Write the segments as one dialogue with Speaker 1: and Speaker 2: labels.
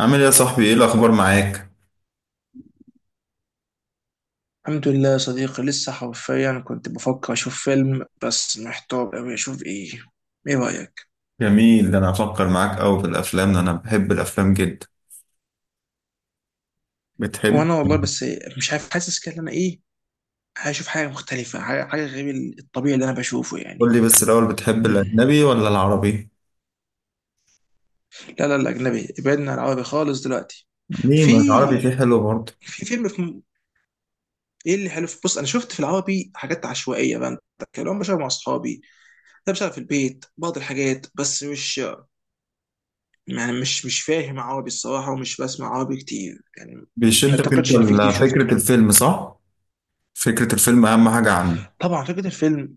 Speaker 1: عامل ايه يا صاحبي؟ ايه الاخبار معاك؟
Speaker 2: الحمد لله يا صديقي، لسه حرفيا كنت بفكر اشوف فيلم بس محتار قوي اشوف ايه. ايه رايك؟
Speaker 1: جميل، ده انا هفكر معاك قوي في الافلام، ده انا بحب الافلام جدا. بتحب؟
Speaker 2: وانا والله. بس مش عارف، حاسس كده إن انا ايه. هشوف حاجه مختلفه، حاجة غير الطبيعي اللي انا بشوفه
Speaker 1: قول
Speaker 2: يعني.
Speaker 1: لي بس الاول، بتحب
Speaker 2: مم.
Speaker 1: الاجنبي ولا العربي؟
Speaker 2: لا لا، الاجنبي، ابعدنا عن العربي خالص دلوقتي.
Speaker 1: ليه؟ ما العربي
Speaker 2: في
Speaker 1: فيه حلو برضه.
Speaker 2: في فيلم ايه اللي حلو بص، انا شفت في العربي حاجات عشوائيه بقى، كان بشوفها مع اصحابي، ده بشوفها في البيت بعض الحاجات، بس مش، يعني مش فاهم عربي الصراحة، ومش بسمع عربي كتير يعني. ما
Speaker 1: بيشدك انت
Speaker 2: اعتقدش ان في كتير شفته.
Speaker 1: فكرة الفيلم، صح؟ فكرة الفيلم اهم حاجة عنده.
Speaker 2: طبعا فكرة الفيلم،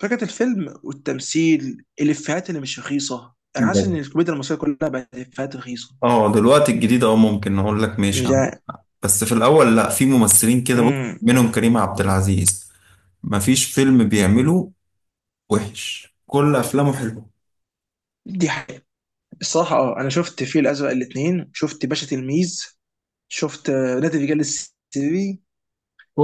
Speaker 2: فكرة الفيلم والتمثيل، الإفيهات اللي مش رخيصة، انا حاسس ان
Speaker 1: بجد.
Speaker 2: الكوميديا المصرية كلها بقت إفيهات رخيصة.
Speaker 1: اه دلوقتي الجديد ممكن اقول لك ماشي
Speaker 2: مش
Speaker 1: عنه.
Speaker 2: عارف.
Speaker 1: بس في الاول، لا، في ممثلين كده، بص،
Speaker 2: امم
Speaker 1: منهم كريم عبد العزيز. مفيش فيلم بيعمله وحش، كل افلامه حلوه.
Speaker 2: دي حقيقة. الصراحة انا شفت الفيل الأزرق الاتنين، شفت باشا تلميذ، شفت نادي الرجال السري.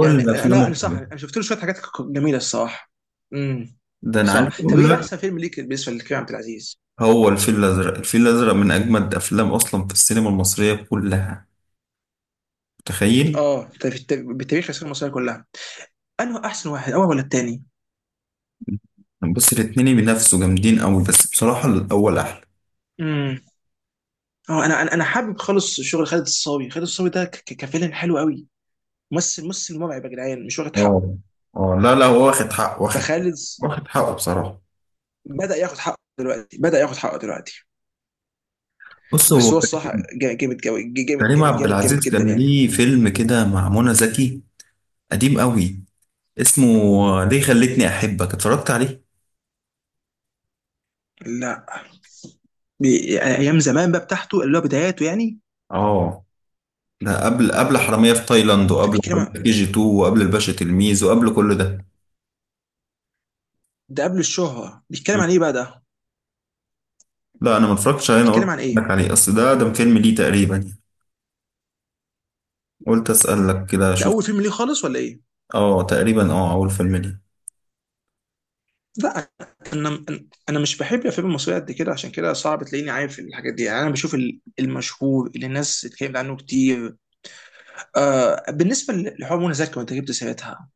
Speaker 2: يعني انا
Speaker 1: افلامه
Speaker 2: انا صح،
Speaker 1: حلوه،
Speaker 2: انا شفت له شوية حاجات جميلة الصراحة. امم
Speaker 1: ده انا
Speaker 2: صح.
Speaker 1: عارف
Speaker 2: طب
Speaker 1: اقول
Speaker 2: ايه
Speaker 1: لك.
Speaker 2: احسن فيلم ليك بالنسبة لكريم عبد العزيز؟
Speaker 1: هو الفيل الأزرق، الفيل الأزرق من أجمد أفلام أصلا في السينما المصرية كلها، متخيل؟
Speaker 2: اه بالتاريخ العسكريه المصريه كلها، انه احسن واحد، اول ولا التاني.
Speaker 1: بص، الاتنين بينافسوا جامدين أوي، بس بصراحة الأول أحلى.
Speaker 2: امم اه انا انا أنا حابب خالص شغل خالد الصاوي ده كفيلن حلو قوي. ممثل مرعب يا جدعان، مش واخد حقه.
Speaker 1: اه، اه، لا، لا، هو واخد
Speaker 2: فخالد
Speaker 1: واخد حقه بصراحة.
Speaker 2: بدا ياخد حقه دلوقتي، بدا ياخد حقه دلوقتي.
Speaker 1: بص هو،
Speaker 2: بس هو الصح. جامد قوي، جامد
Speaker 1: كريم
Speaker 2: جامد
Speaker 1: عبد
Speaker 2: جامد جامد
Speaker 1: العزيز
Speaker 2: جدا
Speaker 1: كان
Speaker 2: يعني.
Speaker 1: ليه فيلم كده مع منى زكي، قديم أوي، اسمه "ليه خلتني أحبك"، اتفرجت عليه؟
Speaker 2: لا. يعني ايام زمان بقى بتاعته، اللي هو بداياته يعني.
Speaker 1: اه، ده قبل حرامية في تايلاند،
Speaker 2: ده
Speaker 1: وقبل
Speaker 2: بيتكلم
Speaker 1: حرامية
Speaker 2: عن،
Speaker 1: في كي جي 2، وقبل الباشا تلميذ، وقبل كل ده.
Speaker 2: ده قبل الشهره، بيتكلم عن ايه بقى ده؟
Speaker 1: لا انا ما اتفرجتش عليه، انا
Speaker 2: بيتكلم
Speaker 1: قلت
Speaker 2: عن ايه؟
Speaker 1: لك عليه اصل ده فيلم ليه تقريبا يعني، قلت اسالك كده
Speaker 2: ده
Speaker 1: اشوف.
Speaker 2: اول فيلم ليه خالص ولا ايه؟
Speaker 1: اه، تقريبا، اول فيلم ليه.
Speaker 2: لا. انا، انا مش بحب الافلام المصريه قد كده، عشان كده صعب تلاقيني عارف الحاجات دي يعني. انا بشوف المشهور اللي الناس اتكلمت عنه كتير. آه، بالنسبه لحوار منى زكي وانت جبت سيرتها،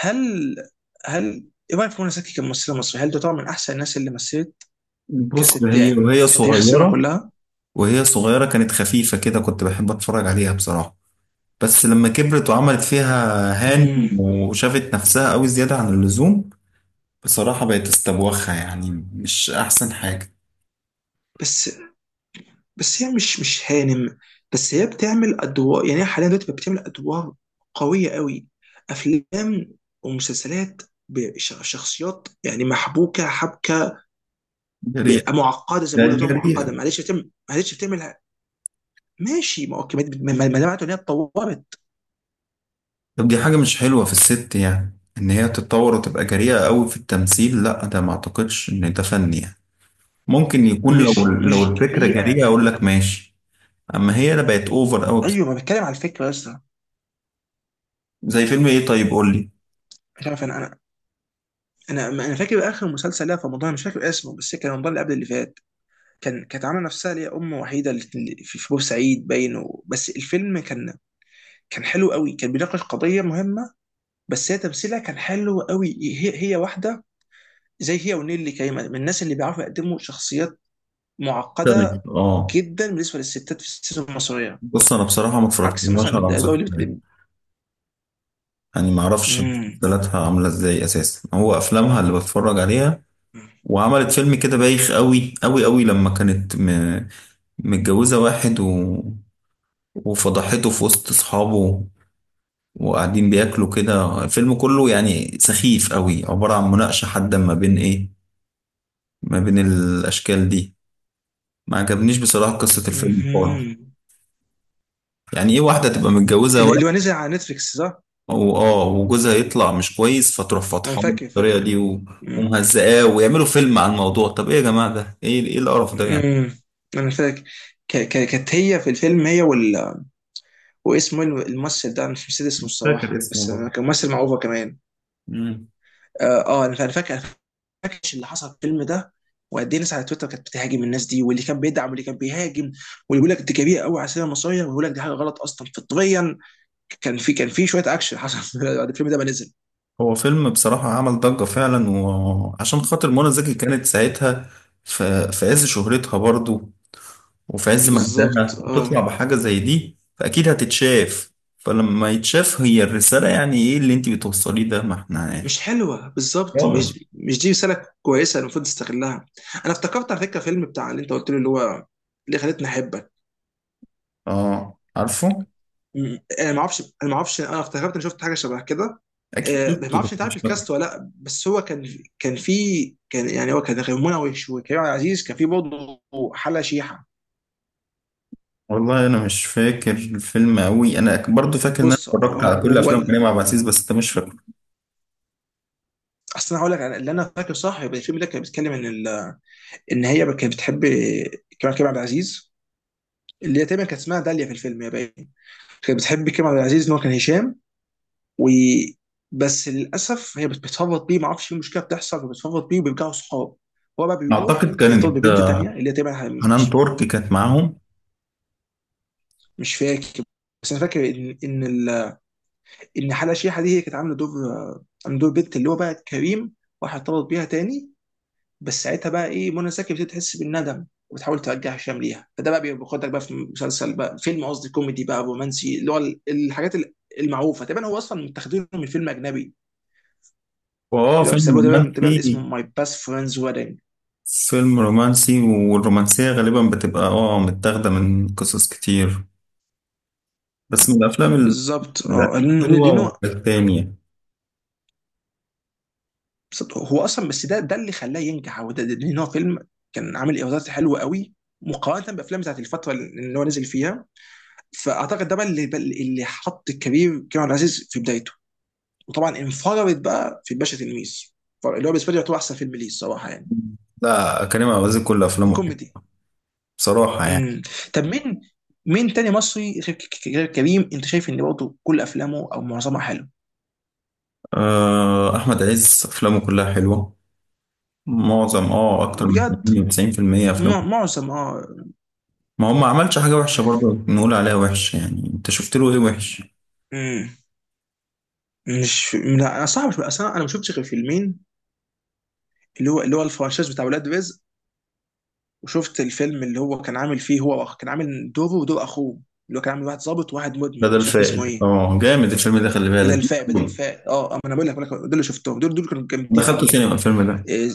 Speaker 2: هل، هل ايه رايك في منى زكي كممثله مصريه؟ هل تعتبر من احسن الناس اللي مثلت
Speaker 1: بص،
Speaker 2: كست
Speaker 1: هي
Speaker 2: يعني
Speaker 1: وهي
Speaker 2: في تاريخ السينما
Speaker 1: صغيره،
Speaker 2: كلها؟
Speaker 1: وهي صغيره كانت خفيفه كده، كنت بحب اتفرج عليها بصراحه. بس لما كبرت وعملت فيها هان
Speaker 2: امم
Speaker 1: وشافت نفسها قوي زياده عن اللزوم، بصراحه بقت استبوخه، يعني مش احسن حاجه.
Speaker 2: بس، بس هي مش هانم. بس هي بتعمل ادوار، يعني هي حاليا دلوقتي بقت بتعمل ادوار قويه قوي، افلام ومسلسلات بشخصيات يعني محبوكه حبكه.
Speaker 1: جريئه،
Speaker 2: معقده زي ما
Speaker 1: ده
Speaker 2: بيقولوا كده،
Speaker 1: جريئه.
Speaker 2: معقده. معلش بتعمل، معلش بتعمل. ماشي، ما اوكي، ما ده معناته ان هي اتطورت.
Speaker 1: طب دي حاجه مش حلوه في الست، يعني ان هي تتطور وتبقى جريئه قوي في التمثيل، لا ده ما اعتقدش ان ده فن يعني. ممكن يكون لو،
Speaker 2: مش
Speaker 1: لو
Speaker 2: مش
Speaker 1: الفكرة
Speaker 2: جريئه
Speaker 1: جريئة أقول لك ماشي، أما هي لا، بقت أوفر أوي بصراحة.
Speaker 2: ايوه، ما بتكلم على الفكره يا اسطى.
Speaker 1: زي فيلم إيه؟ طيب قول لي.
Speaker 2: مش عارف. انا فاكر اخر مسلسل لها في رمضان، مش فاكر اسمه، بس كان رمضان اللي قبل اللي فات. كانت عامله نفسها اللي هي ام وحيده، اللي في في بورسعيد باين بس الفيلم كان حلو قوي، كان بيناقش قضيه مهمه. بس هي تمثيلها كان حلو قوي. هي واحده، زي هي ونيلي كريمه، من الناس اللي بيعرفوا يقدموا شخصيات معقده
Speaker 1: طيب، آه.
Speaker 2: جدا بالنسبه للستات في السينما المصريه،
Speaker 1: بص أنا بصراحة ما
Speaker 2: عكس
Speaker 1: اتفرجتش
Speaker 2: مثلا
Speaker 1: على
Speaker 2: الادوار
Speaker 1: مسلسلات،
Speaker 2: اللي
Speaker 1: يعني ما أعرفش
Speaker 2: مم.
Speaker 1: مسلسلاتها عاملة إزاي أساسا، هو أفلامها اللي بتفرج عليها. وعملت فيلم كده بايخ أوي أوي أوي لما كانت متجوزة واحد وفضحته في وسط أصحابه وقاعدين بياكلوا كده، الفيلم كله يعني سخيف أوي، عبارة عن مناقشة حادة ما بين إيه، ما بين الأشكال دي. ما عجبنيش بصراحة قصة الفيلم خالص.
Speaker 2: مهم.
Speaker 1: يعني ايه واحدة تبقى متجوزة
Speaker 2: اللي
Speaker 1: واحد
Speaker 2: اللي هو نزل على نتفليكس، صح؟
Speaker 1: وجوزها يطلع مش كويس فتروح
Speaker 2: انا
Speaker 1: فاتحاه
Speaker 2: فاكر
Speaker 1: بالطريقة
Speaker 2: فاكر
Speaker 1: دي
Speaker 2: مم.
Speaker 1: ومهزقاه ويعملوا فيلم عن الموضوع؟ طب ايه يا جماعة ده؟ ايه القرف ده يعني؟
Speaker 2: مم. انا فاكر كانت هي في الفيلم هي واسمه إيه الممثل ده؟ أنا مش نسيت اسمه
Speaker 1: فاكر
Speaker 2: الصراحه،
Speaker 1: اسمه
Speaker 2: بس أنا
Speaker 1: برضه.
Speaker 2: كان ممثل مع اوفا كمان.
Speaker 1: مم.
Speaker 2: انا فاكر. أنا فاكر اللي حصل في الفيلم ده، وقد ايه الناس على تويتر كانت بتهاجم الناس دي، واللي كان بيدعم واللي كان بيهاجم، واللي بيقول لك دي كبيره قوي على السينما المصريه، ويقول لك دي حاجه غلط اصلا فطريا. كان في شويه اكشن حصل بعد الفيلم ده ما نزل.
Speaker 1: هو فيلم بصراحة عمل ضجة فعلا، وعشان خاطر منى زكي كانت ساعتها في عز شهرتها برضه، وفي عز مجدها،
Speaker 2: بالظبط.
Speaker 1: وتطلع
Speaker 2: اه
Speaker 1: بحاجة زي دي فأكيد هتتشاف. فلما يتشاف، هي الرسالة يعني ايه اللي انت بتوصليه ده؟ ما احنا يعني
Speaker 2: مش حلوه بالظبط،
Speaker 1: خالص.
Speaker 2: مش دي رساله كويسه، المفروض تستغلها. انا افتكرت على فكره فيلم بتاع اللي انت قلت له، اللي هو اللي خلتني احبك.
Speaker 1: اه، عارفه.
Speaker 2: انا ما اعرفش انا افتكرت اني شفت حاجه شبه كده.
Speaker 1: اكيد
Speaker 2: آه، ما
Speaker 1: شفته بس
Speaker 2: اعرفش انت عارف
Speaker 1: مش فاكر.
Speaker 2: الكاست ولا لا، بس هو كان، كان في، كان يعني هو كان غير منعش، وكريم عبد العزيز كان في برضه حلا شيحه.
Speaker 1: والله انا مش فاكر الفيلم قوي، انا برضو فاكر ان انا
Speaker 2: بص
Speaker 1: اتفرجت
Speaker 2: هو،
Speaker 1: على كل
Speaker 2: هو
Speaker 1: افلام كريم عبد العزيز بس انت مش فاكر.
Speaker 2: اصل انا هقول لك اللي انا فاكره صح، يبقى الفيلم ده كان بيتكلم ان ان هي كانت بتحب كريم عبد العزيز، اللي هي تقريبا كانت اسمها داليا في الفيلم يا باين. كانت بتحب كريم عبد العزيز ان هو كان هشام. وبس للاسف هي بتفرط بيه، ما اعرفش ايه المشكله بتحصل، وبتفرط بيه وبيرجعوا صحاب. هو بقى بيروح
Speaker 1: اعتقد
Speaker 2: يرتبط
Speaker 1: كانت
Speaker 2: ببنت تانية اللي هي تبعها.
Speaker 1: حنان
Speaker 2: مش،
Speaker 1: ترك كانت معاهم.
Speaker 2: مش فاكر. بس انا فاكر ان ان حلا شيحه دي هي كانت عامله دور بنت اللي هو بقى كريم راح ارتبط بيها تاني. بس ساعتها بقى ايه، منى زكي بتبتدي تحس بالندم، وبتحاول ترجع هشام ليها. فده بقى بياخدك بقى في مسلسل، بقى فيلم قصدي، كوميدي بقى رومانسي، اللي هو الحاجات المعروفه تقريبا. هو اصلا متاخدينه من فيلم اجنبي اللي هو
Speaker 1: فيلم
Speaker 2: بيسموه تقريبا اسمه
Speaker 1: رومانسي،
Speaker 2: ماي باست فريندز ويدنج.
Speaker 1: فيلم رومانسي، والرومانسية غالبا بتبقى متاخدة من قصص كتير، بس من الافلام
Speaker 2: بالظبط.
Speaker 1: من
Speaker 2: اه لانه
Speaker 1: الحلوة
Speaker 2: لأنه
Speaker 1: والتانية.
Speaker 2: بالظبط. هو اصلا، بس ده اللي خلاه ينجح، هو ده لان هو فيلم كان عامل ايرادات حلوه قوي، مقارنه بافلام بتاعت الفتره اللي هو نزل فيها. فاعتقد ده بقى اللي حط الكبير كريم عبد العزيز في بدايته. وطبعا انفرد بقى في الباشا تلميذ، اللي هو بالنسبه لي يعتبر احسن فيلم ليه الصراحه، يعني
Speaker 1: لا، كريم عبد العزيز كل افلامه حلوة
Speaker 2: الكوميدي.
Speaker 1: بصراحة يعني.
Speaker 2: امم طب مين تاني مصري غير، غير كريم؟ انت شايف ان برضه كل افلامه او معظمها حلو؟
Speaker 1: آه، أحمد عز أفلامه كلها حلوة، معظم، اكتر من
Speaker 2: بجد.
Speaker 1: 80 90% افلام.
Speaker 2: معظم
Speaker 1: ما هو ما عملش حاجه وحشه برضه نقول عليها وحش، يعني انت شفت له ايه وحش؟
Speaker 2: مم. مش، لا، انا صعب اصلا، انا ما شفتش غير فيلمين، اللي هو الفرنشايز بتاع ولاد رزق، وشفت الفيلم اللي هو كان عامل فيه هو كان عامل دوره ودور اخوه، اللي هو كان عامل واحد ظابط وواحد مدمن،
Speaker 1: بدل
Speaker 2: مش فاكر اسمه
Speaker 1: فائد،
Speaker 2: ايه.
Speaker 1: اه جامد الفيلم ده، خلي بالك.
Speaker 2: بدل فاق ما انا بقول لك، دول اللي شفتهم، دول كانوا جامدين
Speaker 1: دخلت
Speaker 2: قوي.
Speaker 1: سينما الفيلم ده،
Speaker 2: إيه؟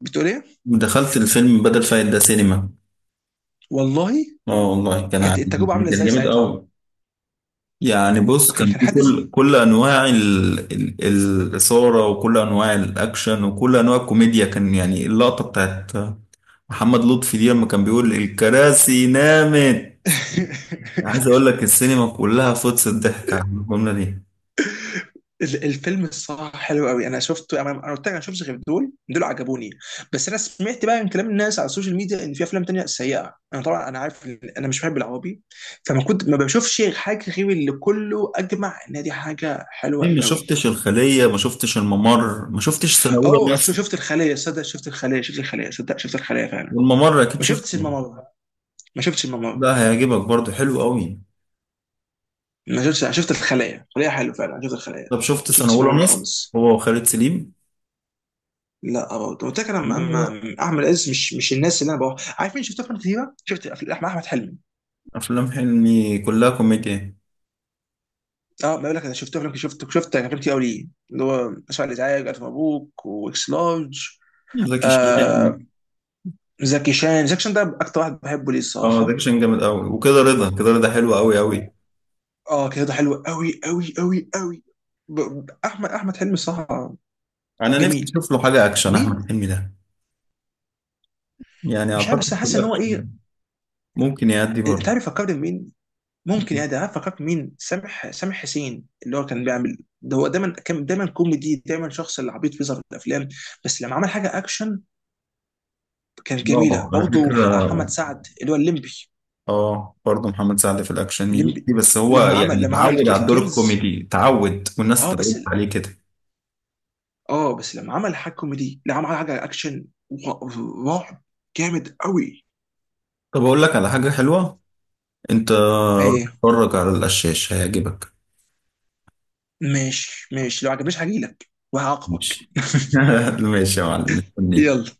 Speaker 2: بتقول ايه؟
Speaker 1: دخلت الفيلم بدل فائد ده سينما.
Speaker 2: والله.
Speaker 1: اه والله كان
Speaker 2: كانت
Speaker 1: عادي،
Speaker 2: التجربه عامله
Speaker 1: كان
Speaker 2: ازاي
Speaker 1: جامد
Speaker 2: ساعتها؟
Speaker 1: قوي يعني. بص،
Speaker 2: وكان
Speaker 1: كان
Speaker 2: كان
Speaker 1: في
Speaker 2: حدث
Speaker 1: كل انواع الاثاره، وكل انواع الاكشن، وكل انواع الكوميديا، كان يعني اللقطه بتاعت محمد لطفي دي لما كان بيقول الكراسي نامت، عايز اقول لك السينما كلها فطس الضحك على الجمله دي.
Speaker 2: الفيلم الصراحه حلو قوي، انا شفته. أنا قلت لك، انا شفتش غير دول، دول عجبوني. بس انا سمعت بقى من كلام الناس على السوشيال ميديا ان في افلام تانية سيئه، انا طبعا انا عارف إن انا مش بحب العربي، فما كنت ما بشوفش حاجه غير اللي كله اجمع ان دي حاجه
Speaker 1: ليه
Speaker 2: حلوه
Speaker 1: ما
Speaker 2: قوي.
Speaker 1: شفتش الخليه؟ ما شفتش الممر؟ ما شفتش سنه اولى
Speaker 2: اوه،
Speaker 1: مصر؟
Speaker 2: شفت الخليه، صدق شفت الخليه، شفت الخليه، صدق شفت الخليه فعلا.
Speaker 1: والممر اكيد
Speaker 2: ما شفتش
Speaker 1: شفته.
Speaker 2: الممر، ما شفتش الممر.
Speaker 1: لا، هيعجبك برضه، حلو قوي.
Speaker 2: ما شفتش. أنا شفت الخليه، الخليه حلو فعلا، أنا شفت الخليه.
Speaker 1: طب شفت
Speaker 2: ما
Speaker 1: سنه
Speaker 2: شفتش الممر
Speaker 1: اولى مصر؟
Speaker 2: خالص.
Speaker 1: هو وخالد سليم.
Speaker 2: لا، برضه قلت لك انا
Speaker 1: آه،
Speaker 2: احمد عز مش الناس اللي انا بروح. عارف مين شفت افلام كتيره؟ شفت احمد حلمي.
Speaker 1: افلام حلمي كلها كوميديا.
Speaker 2: اه ما بقول لك، انا شفت افلام، شفت افلام كتير قوي ليه، اللي هو اسف على الازعاج، الف مبروك، واكس لارج.
Speaker 1: زكي
Speaker 2: آه.
Speaker 1: شان.
Speaker 2: زكي شان ده اكتر واحد بحبه ليه
Speaker 1: اه،
Speaker 2: الصراحه.
Speaker 1: زكي شان جامد قوي، وكده رضا، كده رضا حلو قوي قوي.
Speaker 2: و- اه كده ده حلو قوي قوي قوي قوي. احمد حلمي الصراحه.
Speaker 1: انا نفسي
Speaker 2: جميل.
Speaker 1: اشوف له حاجه اكشن، احمد
Speaker 2: مين؟
Speaker 1: حلمي ده، يعني
Speaker 2: مش عارف، بس
Speaker 1: اعتقد في
Speaker 2: حاسس ان هو
Speaker 1: الاكشن
Speaker 2: ايه.
Speaker 1: ممكن يأدي
Speaker 2: انت
Speaker 1: برضه.
Speaker 2: عارف فكرني مين؟ ممكن يعني، ده أنا فكرت مين، سامح حسين اللي هو كان بيعمل ده، هو دايما كان دايما كوميدي، دايما شخص اللي عبيط بيظهر في الافلام. بس لما عمل حاجه اكشن، كانت جميله
Speaker 1: اه، على
Speaker 2: برضه.
Speaker 1: فكرة،
Speaker 2: محمد سعد اللي هو الليمبي.
Speaker 1: اه برضه محمد سعد في الاكشن يليق
Speaker 2: الليمبي
Speaker 1: فيه، بس هو
Speaker 2: لما
Speaker 1: يعني
Speaker 2: عمل لما عمل
Speaker 1: اتعود على الدور
Speaker 2: الكنز.
Speaker 1: الكوميدي، اتعود والناس
Speaker 2: اه بس،
Speaker 1: اتعودت عليه كده.
Speaker 2: اه بس لما عمل حاجه كوميدي، لا، عمل حاجه اكشن رعب، جامد قوي.
Speaker 1: طب اقول لك على حاجه حلوه، انت روح
Speaker 2: ايه؟
Speaker 1: اتفرج على القشاش، هيعجبك.
Speaker 2: ماشي ماشي، لو عجبنيش هجيلك وهعاقبك
Speaker 1: ماشي. ماشي يا معلم، مستنيك.
Speaker 2: يلا.